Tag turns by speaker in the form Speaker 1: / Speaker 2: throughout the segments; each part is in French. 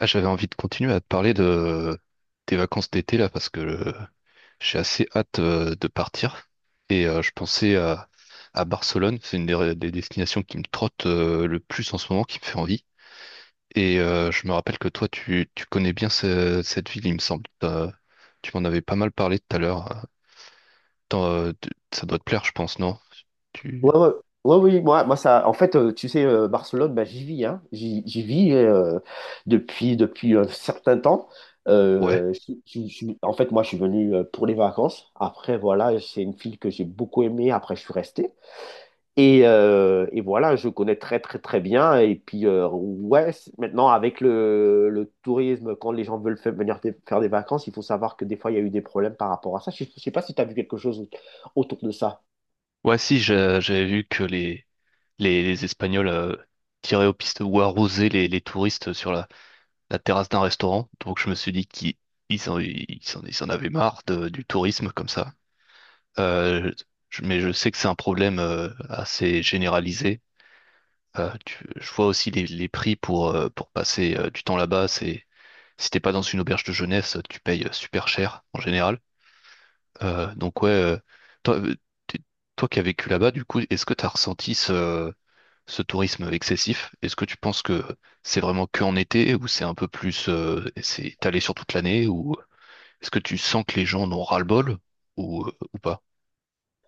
Speaker 1: Ah, j'avais envie de continuer à te parler de tes vacances d'été là parce que j'ai assez hâte de partir et je pensais à Barcelone, c'est une des destinations qui me trotte le plus en ce moment, qui me fait envie. Et je me rappelle que toi tu connais bien cette ville, il me semble. Tu m'en avais pas mal parlé tout à l'heure. Ça doit te plaire, je pense, non? Tu...
Speaker 2: Ouais, ouais. Ouais, oui, moi, moi ça, en fait, tu sais, Barcelone, bah, j'y vis, hein. J'y vis depuis un certain temps.
Speaker 1: Ouais.
Speaker 2: En fait, moi, je suis venu pour les vacances. Après, voilà, c'est une ville que j'ai beaucoup aimée. Après, je suis resté. Et voilà, je connais très, très, très bien. Et puis, ouais, maintenant, avec le tourisme, quand les gens veulent venir faire des vacances, il faut savoir que des fois, il y a eu des problèmes par rapport à ça. Je ne sais pas si tu as vu quelque chose autour de ça.
Speaker 1: Ouais, si, j'avais vu que les Espagnols tiraient aux pistes ou arrosaient les touristes sur la terrasse d'un restaurant. Donc je me suis dit qu'ils ils en, ils s'en avaient marre du tourisme comme ça. Euh, mais je sais que c'est un problème assez généralisé. Je vois aussi les prix pour passer du temps là-bas. Si t'es pas dans une auberge de jeunesse, tu payes super cher en général. Donc ouais, toi, euh, t'es- toi qui as vécu là-bas, du coup, est-ce que tu as ressenti ce tourisme excessif? Est-ce que tu penses que c'est vraiment que en été ou c'est un peu plus, c'est étalé sur toute l'année ou est-ce que tu sens que les gens en ont ras-le-bol ou, ou pas?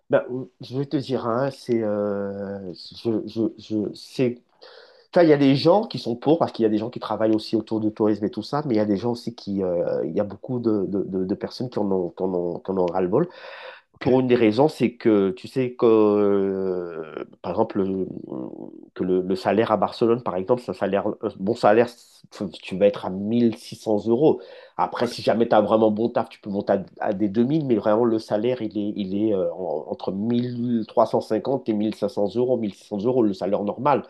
Speaker 2: Bah, je vais te dire, hein, c'est, c'est, enfin, il y a des gens qui sont pour parce qu'il y a des gens qui travaillent aussi autour du tourisme et tout ça, mais il y a des gens aussi il y a beaucoup de personnes qui en ont, qui en ont, qui en ont ras-le-bol.
Speaker 1: Ok.
Speaker 2: Pour une des raisons, c'est que tu sais que, par exemple, que le salaire à Barcelone, par exemple, c'est un salaire, un bon salaire, tu vas être à 1 600 euros. Après, si jamais tu as vraiment bon taf, tu peux monter à, des 2 000 mais vraiment, le salaire, il est, entre 1 350 et 1 500 euros, 1 600 euros, le salaire normal.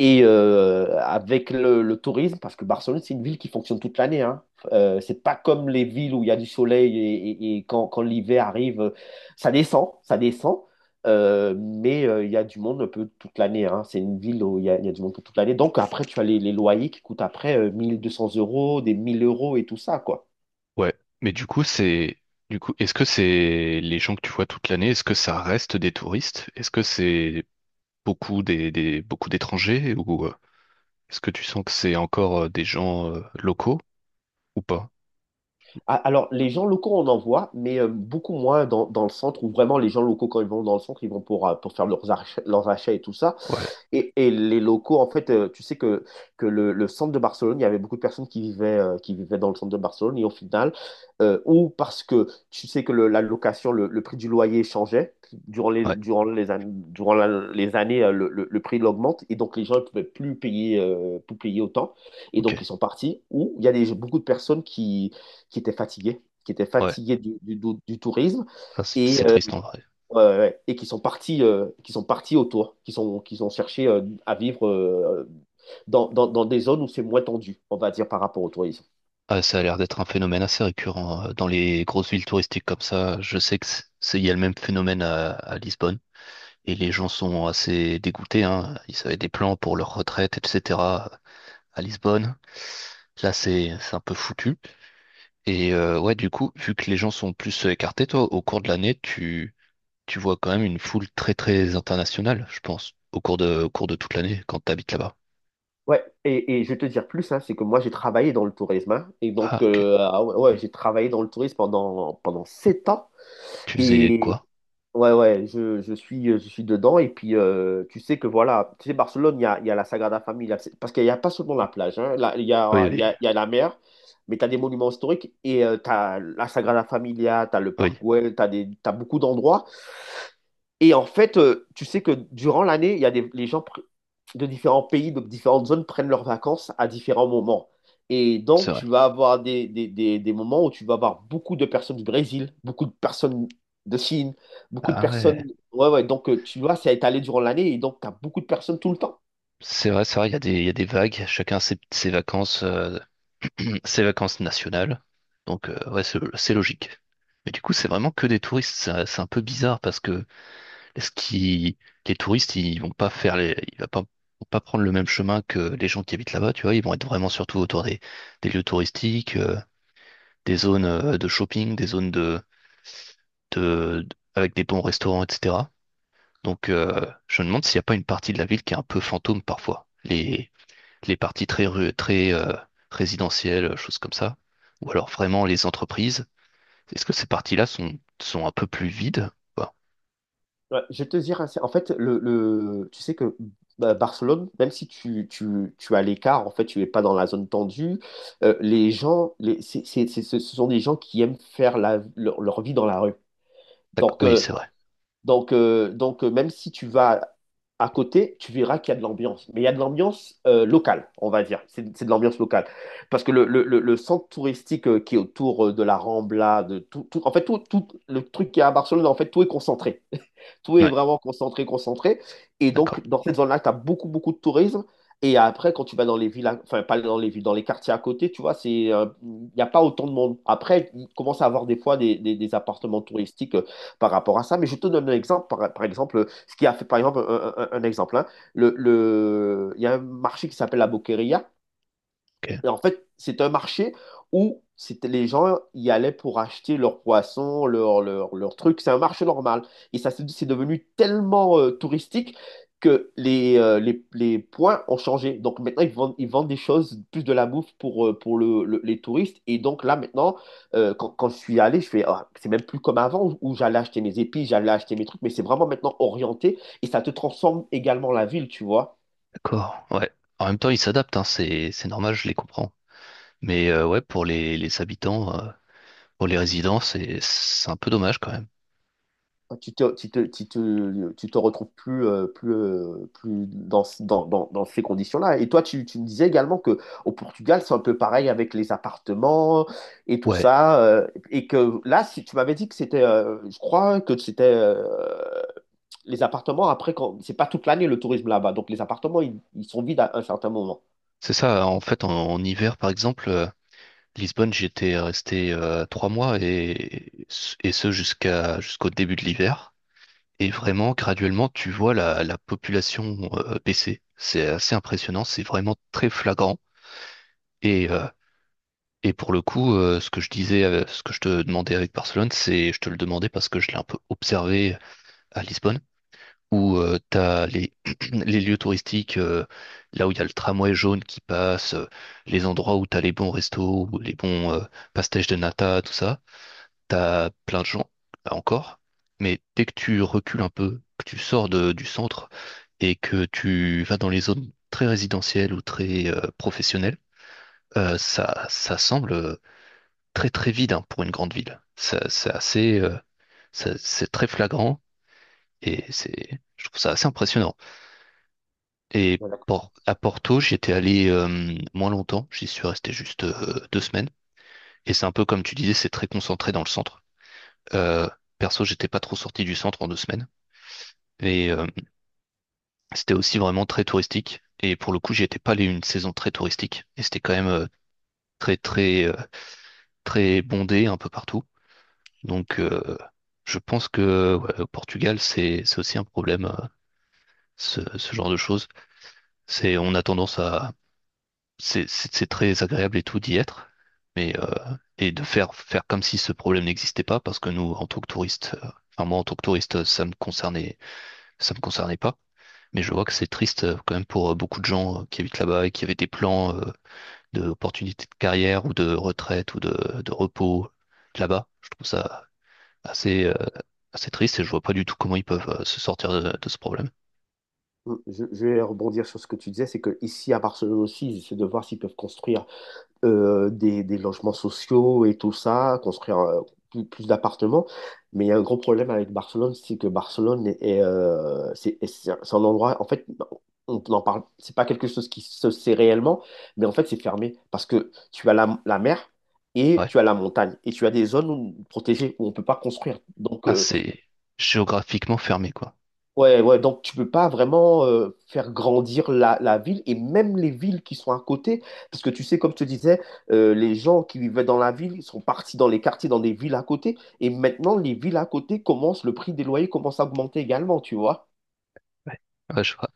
Speaker 2: Et avec le tourisme, parce que Barcelone, c'est une ville qui fonctionne toute l'année, hein. C'est pas comme les villes où il y a du soleil et, et quand l'hiver arrive, ça descend, mais il y a du monde un peu toute l'année, hein. C'est une ville où il y a du monde pour toute l'année. Donc après, tu as les loyers qui coûtent après 1 200 euros, des 1 000 euros et tout ça, quoi.
Speaker 1: Ouais. Mais du coup, du coup, est-ce que c'est les gens que tu vois toute l'année, est-ce que ça reste des touristes? Est-ce que c'est beaucoup beaucoup d'étrangers ou est-ce que tu sens que c'est encore des gens locaux ou pas?
Speaker 2: Ah, alors, les gens locaux, on en voit, mais beaucoup moins dans, le centre, où vraiment les gens locaux, quand ils vont dans le centre, ils vont pour faire leurs achats et tout ça.
Speaker 1: Ouais.
Speaker 2: Et les locaux, en fait, tu sais que le centre de Barcelone, il y avait beaucoup de personnes qui vivaient, qui vivaient dans le centre de Barcelone. Et au final, ou parce que tu sais que la location, le prix du loyer changeait. Durant les,
Speaker 1: Ouais.
Speaker 2: durant les, an- durant la- les années, le prix l'augmente. Et donc, les gens ne pouvaient plus payer autant. Et
Speaker 1: Ok.
Speaker 2: donc, ils sont partis. Ou il y a beaucoup de personnes qui étaient fatigués, qui étaient
Speaker 1: Ouais.
Speaker 2: fatigués du tourisme
Speaker 1: Ça, c'est
Speaker 2: et, euh,
Speaker 1: triste en vrai.
Speaker 2: ouais, ouais, ouais, et qui sont partis autour, qui ont cherché à vivre dans des zones où c'est moins tendu, on va dire, par rapport au tourisme.
Speaker 1: Ah, ça a l'air d'être un phénomène assez récurrent dans les grosses villes touristiques comme ça. Je sais que il y a le même phénomène à Lisbonne et les gens sont assez dégoûtés, hein. Ils avaient des plans pour leur retraite, etc., à Lisbonne. Là, c'est un peu foutu. Et ouais, du coup, vu que les gens sont plus écartés, toi, au cours de l'année, tu vois quand même une foule très très internationale, je pense, au cours de toute l'année quand t'habites là-bas.
Speaker 2: Ouais, et je vais te dire plus, hein, c'est que moi j'ai travaillé dans le tourisme, hein. Et donc
Speaker 1: Ah, ok.
Speaker 2: ah ouais, ouais, j'ai travaillé dans le tourisme pendant 7 ans,
Speaker 1: Tu faisais
Speaker 2: et,
Speaker 1: quoi?
Speaker 2: Ouais, ouais, je suis dedans. Et puis, tu sais que voilà, tu sais, Barcelone, il y a la Sagrada Familia. Parce qu'il n'y a pas seulement la plage, hein. Là, il y
Speaker 1: Oui,
Speaker 2: a, il y
Speaker 1: oui,
Speaker 2: a, il y a la mer, mais tu as des monuments historiques et tu as la Sagrada Familia, tu as le
Speaker 1: oui,
Speaker 2: Parc Güell, t'as beaucoup d'endroits et en fait, tu sais que durant l'année, il y a des, les gens pr- de différents pays, de différentes zones prennent leurs vacances à différents moments. Et
Speaker 1: c'est
Speaker 2: donc,
Speaker 1: vrai.
Speaker 2: tu vas avoir des moments où tu vas avoir beaucoup de personnes du Brésil, beaucoup de personnes de Chine, beaucoup de
Speaker 1: Ah
Speaker 2: personnes.
Speaker 1: ouais.
Speaker 2: Ouais, ouais. Donc, tu vois, c'est étalé durant l'année et donc, tu as beaucoup de personnes tout le temps.
Speaker 1: C'est vrai, il y a des vagues, chacun ses vacances, ses vacances nationales. Donc, ouais, c'est logique. Mais du coup, c'est vraiment que des touristes. C'est un peu bizarre parce que est-ce qu'ils- les touristes, ils vont pas prendre le même chemin que les gens qui habitent là-bas, tu vois. Ils vont être vraiment surtout autour des lieux touristiques, des zones de shopping, des zones avec des bons restaurants, etc. Donc, je me demande s'il n'y a pas une partie de la ville qui est un peu fantôme parfois. Les parties très résidentielles, choses comme ça, ou alors vraiment les entreprises. Est-ce que ces parties-là sont un peu plus vides? Ou pas?
Speaker 2: Ouais, je vais te dire, en fait, tu sais que bah, Barcelone, même si tu as l'écart, en fait, tu n'es pas dans la zone tendue, les gens, ce sont des gens qui aiment faire leur vie dans la rue.
Speaker 1: D'accord.
Speaker 2: Donc,
Speaker 1: Oui, c'est
Speaker 2: euh,
Speaker 1: vrai.
Speaker 2: donc, même si tu vas à côté, tu verras qu'il y a de l'ambiance. Mais il y a de l'ambiance locale, on va dire. C'est de l'ambiance locale. Parce que le centre touristique qui est autour de la Rambla, en fait, tout le truc qui est à Barcelone, en fait, tout est concentré. Tout est
Speaker 1: Ouais,
Speaker 2: vraiment concentré, concentré. Et
Speaker 1: d'accord.
Speaker 2: donc, dans cette zone-là, tu as beaucoup, beaucoup de tourisme. Et après, quand tu vas dans les villes, enfin, pas dans les villes, dans les quartiers à côté, tu vois, il n'y a pas autant de monde. Après, il commence à avoir des fois des appartements touristiques par rapport à ça. Mais je te donne un exemple, par exemple, ce qui a fait, par exemple, un exemple, hein. Il y a un marché qui s'appelle la Boqueria,
Speaker 1: Ok,
Speaker 2: en fait, c'est un marché où les gens y allaient pour acheter leurs poissons, leur trucs. C'est un marché normal. Et ça, c'est devenu tellement touristique que les points ont changé. Donc maintenant, ils vendent des choses, plus de la bouffe pour les touristes. Et donc là, maintenant, quand je suis allé, je fais, Ah, c'est même plus comme avant où j'allais acheter mes épices, j'allais acheter mes trucs, mais c'est vraiment maintenant orienté et ça te transforme également la ville, tu vois.
Speaker 1: d'accord. Ouais. En même temps, ils s'adaptent, hein, c'est normal, je les comprends. Mais ouais, pour les habitants, pour les résidents, c'est un peu dommage quand même.
Speaker 2: Tu te retrouves plus, plus dans ces conditions-là. Et toi, tu me disais également que au Portugal, c'est un peu pareil avec les appartements et tout
Speaker 1: Ouais.
Speaker 2: ça. Et que là, si tu m'avais dit que je crois que c'était les appartements, après, c'est pas toute l'année le tourisme là-bas. Donc les appartements, ils sont vides à un certain moment.
Speaker 1: C'est ça, en fait, en hiver, par exemple, Lisbonne, j'étais resté 3 mois et ce jusqu'au début de l'hiver. Et vraiment, graduellement, tu vois la population baisser. C'est assez impressionnant, c'est vraiment très flagrant. Et, euh, et pour le coup, ce que je te demandais avec Barcelone, je te le demandais parce que je l'ai un peu observé à Lisbonne. Où tu as les lieux touristiques, là où il y a le tramway jaune qui passe, les endroits où tu as les bons restos, ou les bons pastèches de nata, tout ça, tu as plein de gens, là encore, mais dès que tu recules un peu, que tu sors du centre et que tu vas dans les zones très résidentielles ou très professionnelles, ça semble très très vide, hein, pour une grande ville. C'est c'est très flagrant et je trouve ça assez impressionnant. Et
Speaker 2: Voilà.
Speaker 1: À Porto, j'étais allé moins longtemps, j'y suis resté juste 2 semaines. Et c'est un peu comme tu disais, c'est très concentré dans le centre. Euh, perso, j'étais pas trop sorti du centre en 2 semaines. Et c'était aussi vraiment très touristique. Et pour le coup, j'y étais pas allé une saison très touristique. Et c'était quand même très très très bondé un peu partout. Donc je pense que ouais, au Portugal, c'est aussi un problème, ce genre de choses. C'est on a tendance à c'est très agréable et tout d'y être, mais et de faire comme si ce problème n'existait pas, parce que nous, en tant que touristes, enfin moi en tant que touriste, ça me concernait pas, mais je vois que c'est triste quand même pour beaucoup de gens qui habitent là-bas et qui avaient des plans d'opportunités de carrière ou de retraite ou de repos là-bas. Je trouve ça assez, euh, assez triste et je vois pas du tout comment ils peuvent se sortir de ce problème.
Speaker 2: Je vais rebondir sur ce que tu disais, c'est que ici à Barcelone aussi, ils essaient de voir s'ils peuvent construire des logements sociaux et tout ça, construire plus d'appartements. Mais il y a un gros problème avec Barcelone, c'est que Barcelone c'est un endroit, en fait, on n'en parle, c'est pas quelque chose qui se sait réellement, mais en fait, c'est fermé parce que tu as la mer et
Speaker 1: Ouais.
Speaker 2: tu as la montagne et tu as des zones protégées où on peut pas construire. Donc,
Speaker 1: Ah,
Speaker 2: euh,
Speaker 1: c'est géographiquement fermé, quoi.
Speaker 2: Ouais, ouais, donc tu peux pas vraiment faire grandir la ville et même les villes qui sont à côté, parce que tu sais, comme je te disais, les gens qui vivaient dans la ville, ils sont partis dans les quartiers, dans des villes à côté, et maintenant les villes à côté commencent, le prix des loyers commence à augmenter également, tu vois.
Speaker 1: Ouais. Ouais, je vois.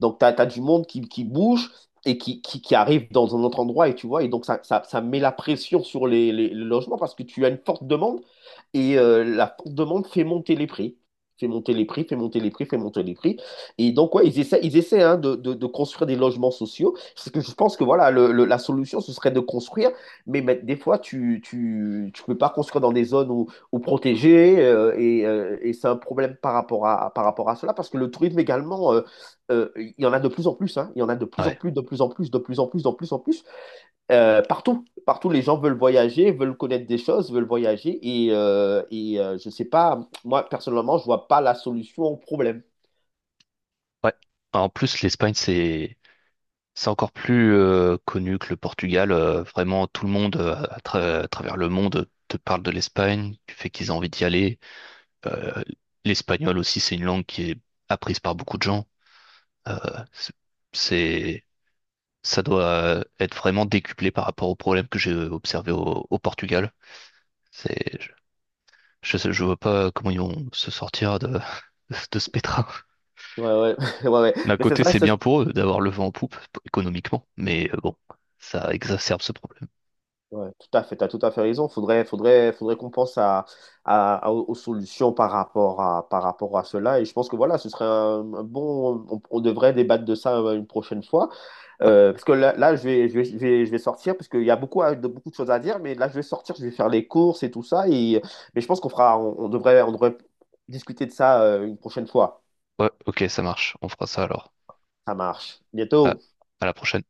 Speaker 2: Donc tu as du monde qui bouge et qui arrive dans un autre endroit, et tu vois, et donc ça met la pression sur les logements parce que tu as une forte demande et la demande fait monter les prix. Fait monter les prix, fait monter les prix, fait monter les prix. Et donc, ouais, ils essaient, hein, de construire des logements sociaux. Parce que je pense que voilà, la solution, ce serait de construire. Mais des fois, tu peux pas construire dans des zones où protégées. Et c'est un problème par rapport à cela. Parce que le tourisme également, il y en a de plus en plus, hein. Il y en a de plus en
Speaker 1: Ouais.
Speaker 2: plus, de plus en plus, de plus en plus, de plus en plus. Partout, partout, les gens veulent voyager, veulent connaître des choses, veulent voyager. Et, je sais pas, moi, personnellement, je vois pas la solution au problème.
Speaker 1: Ouais. En plus, l'Espagne, c'est encore plus connu que le Portugal. Vraiment, tout le monde à travers le monde te parle de l'Espagne, du fait qu'ils ont envie d'y aller. Euh, l'espagnol aussi, c'est une langue qui est apprise par beaucoup de gens. Euh, c'est, c'est- ça doit être vraiment décuplé par rapport aux problèmes que j'ai observés au Portugal. C'est, je vois pas comment ils vont se sortir de, de ce pétrin.
Speaker 2: Ouais, ouais, ouais, ouais.
Speaker 1: D'un
Speaker 2: Mais c'est
Speaker 1: côté,
Speaker 2: ça,
Speaker 1: c'est bien pour eux d'avoir le vent en poupe économiquement, mais bon, ça exacerbe ce problème.
Speaker 2: ouais, tout à fait, tu as tout à fait raison. Faudrait qu'on pense à, aux solutions par rapport à cela. Et je pense que voilà, ce serait un bon. On devrait débattre de ça une prochaine fois.
Speaker 1: Ouais.
Speaker 2: Parce que là, je vais sortir, parce qu'il y a beaucoup, beaucoup de choses à dire, mais là, je vais sortir, je vais faire les courses et tout ça. Et, mais je pense qu'on fera, on devrait discuter de ça une prochaine fois.
Speaker 1: Ouais, ok, ça marche. On fera ça alors.
Speaker 2: Ça marche.
Speaker 1: à
Speaker 2: Bientôt.
Speaker 1: à la prochaine.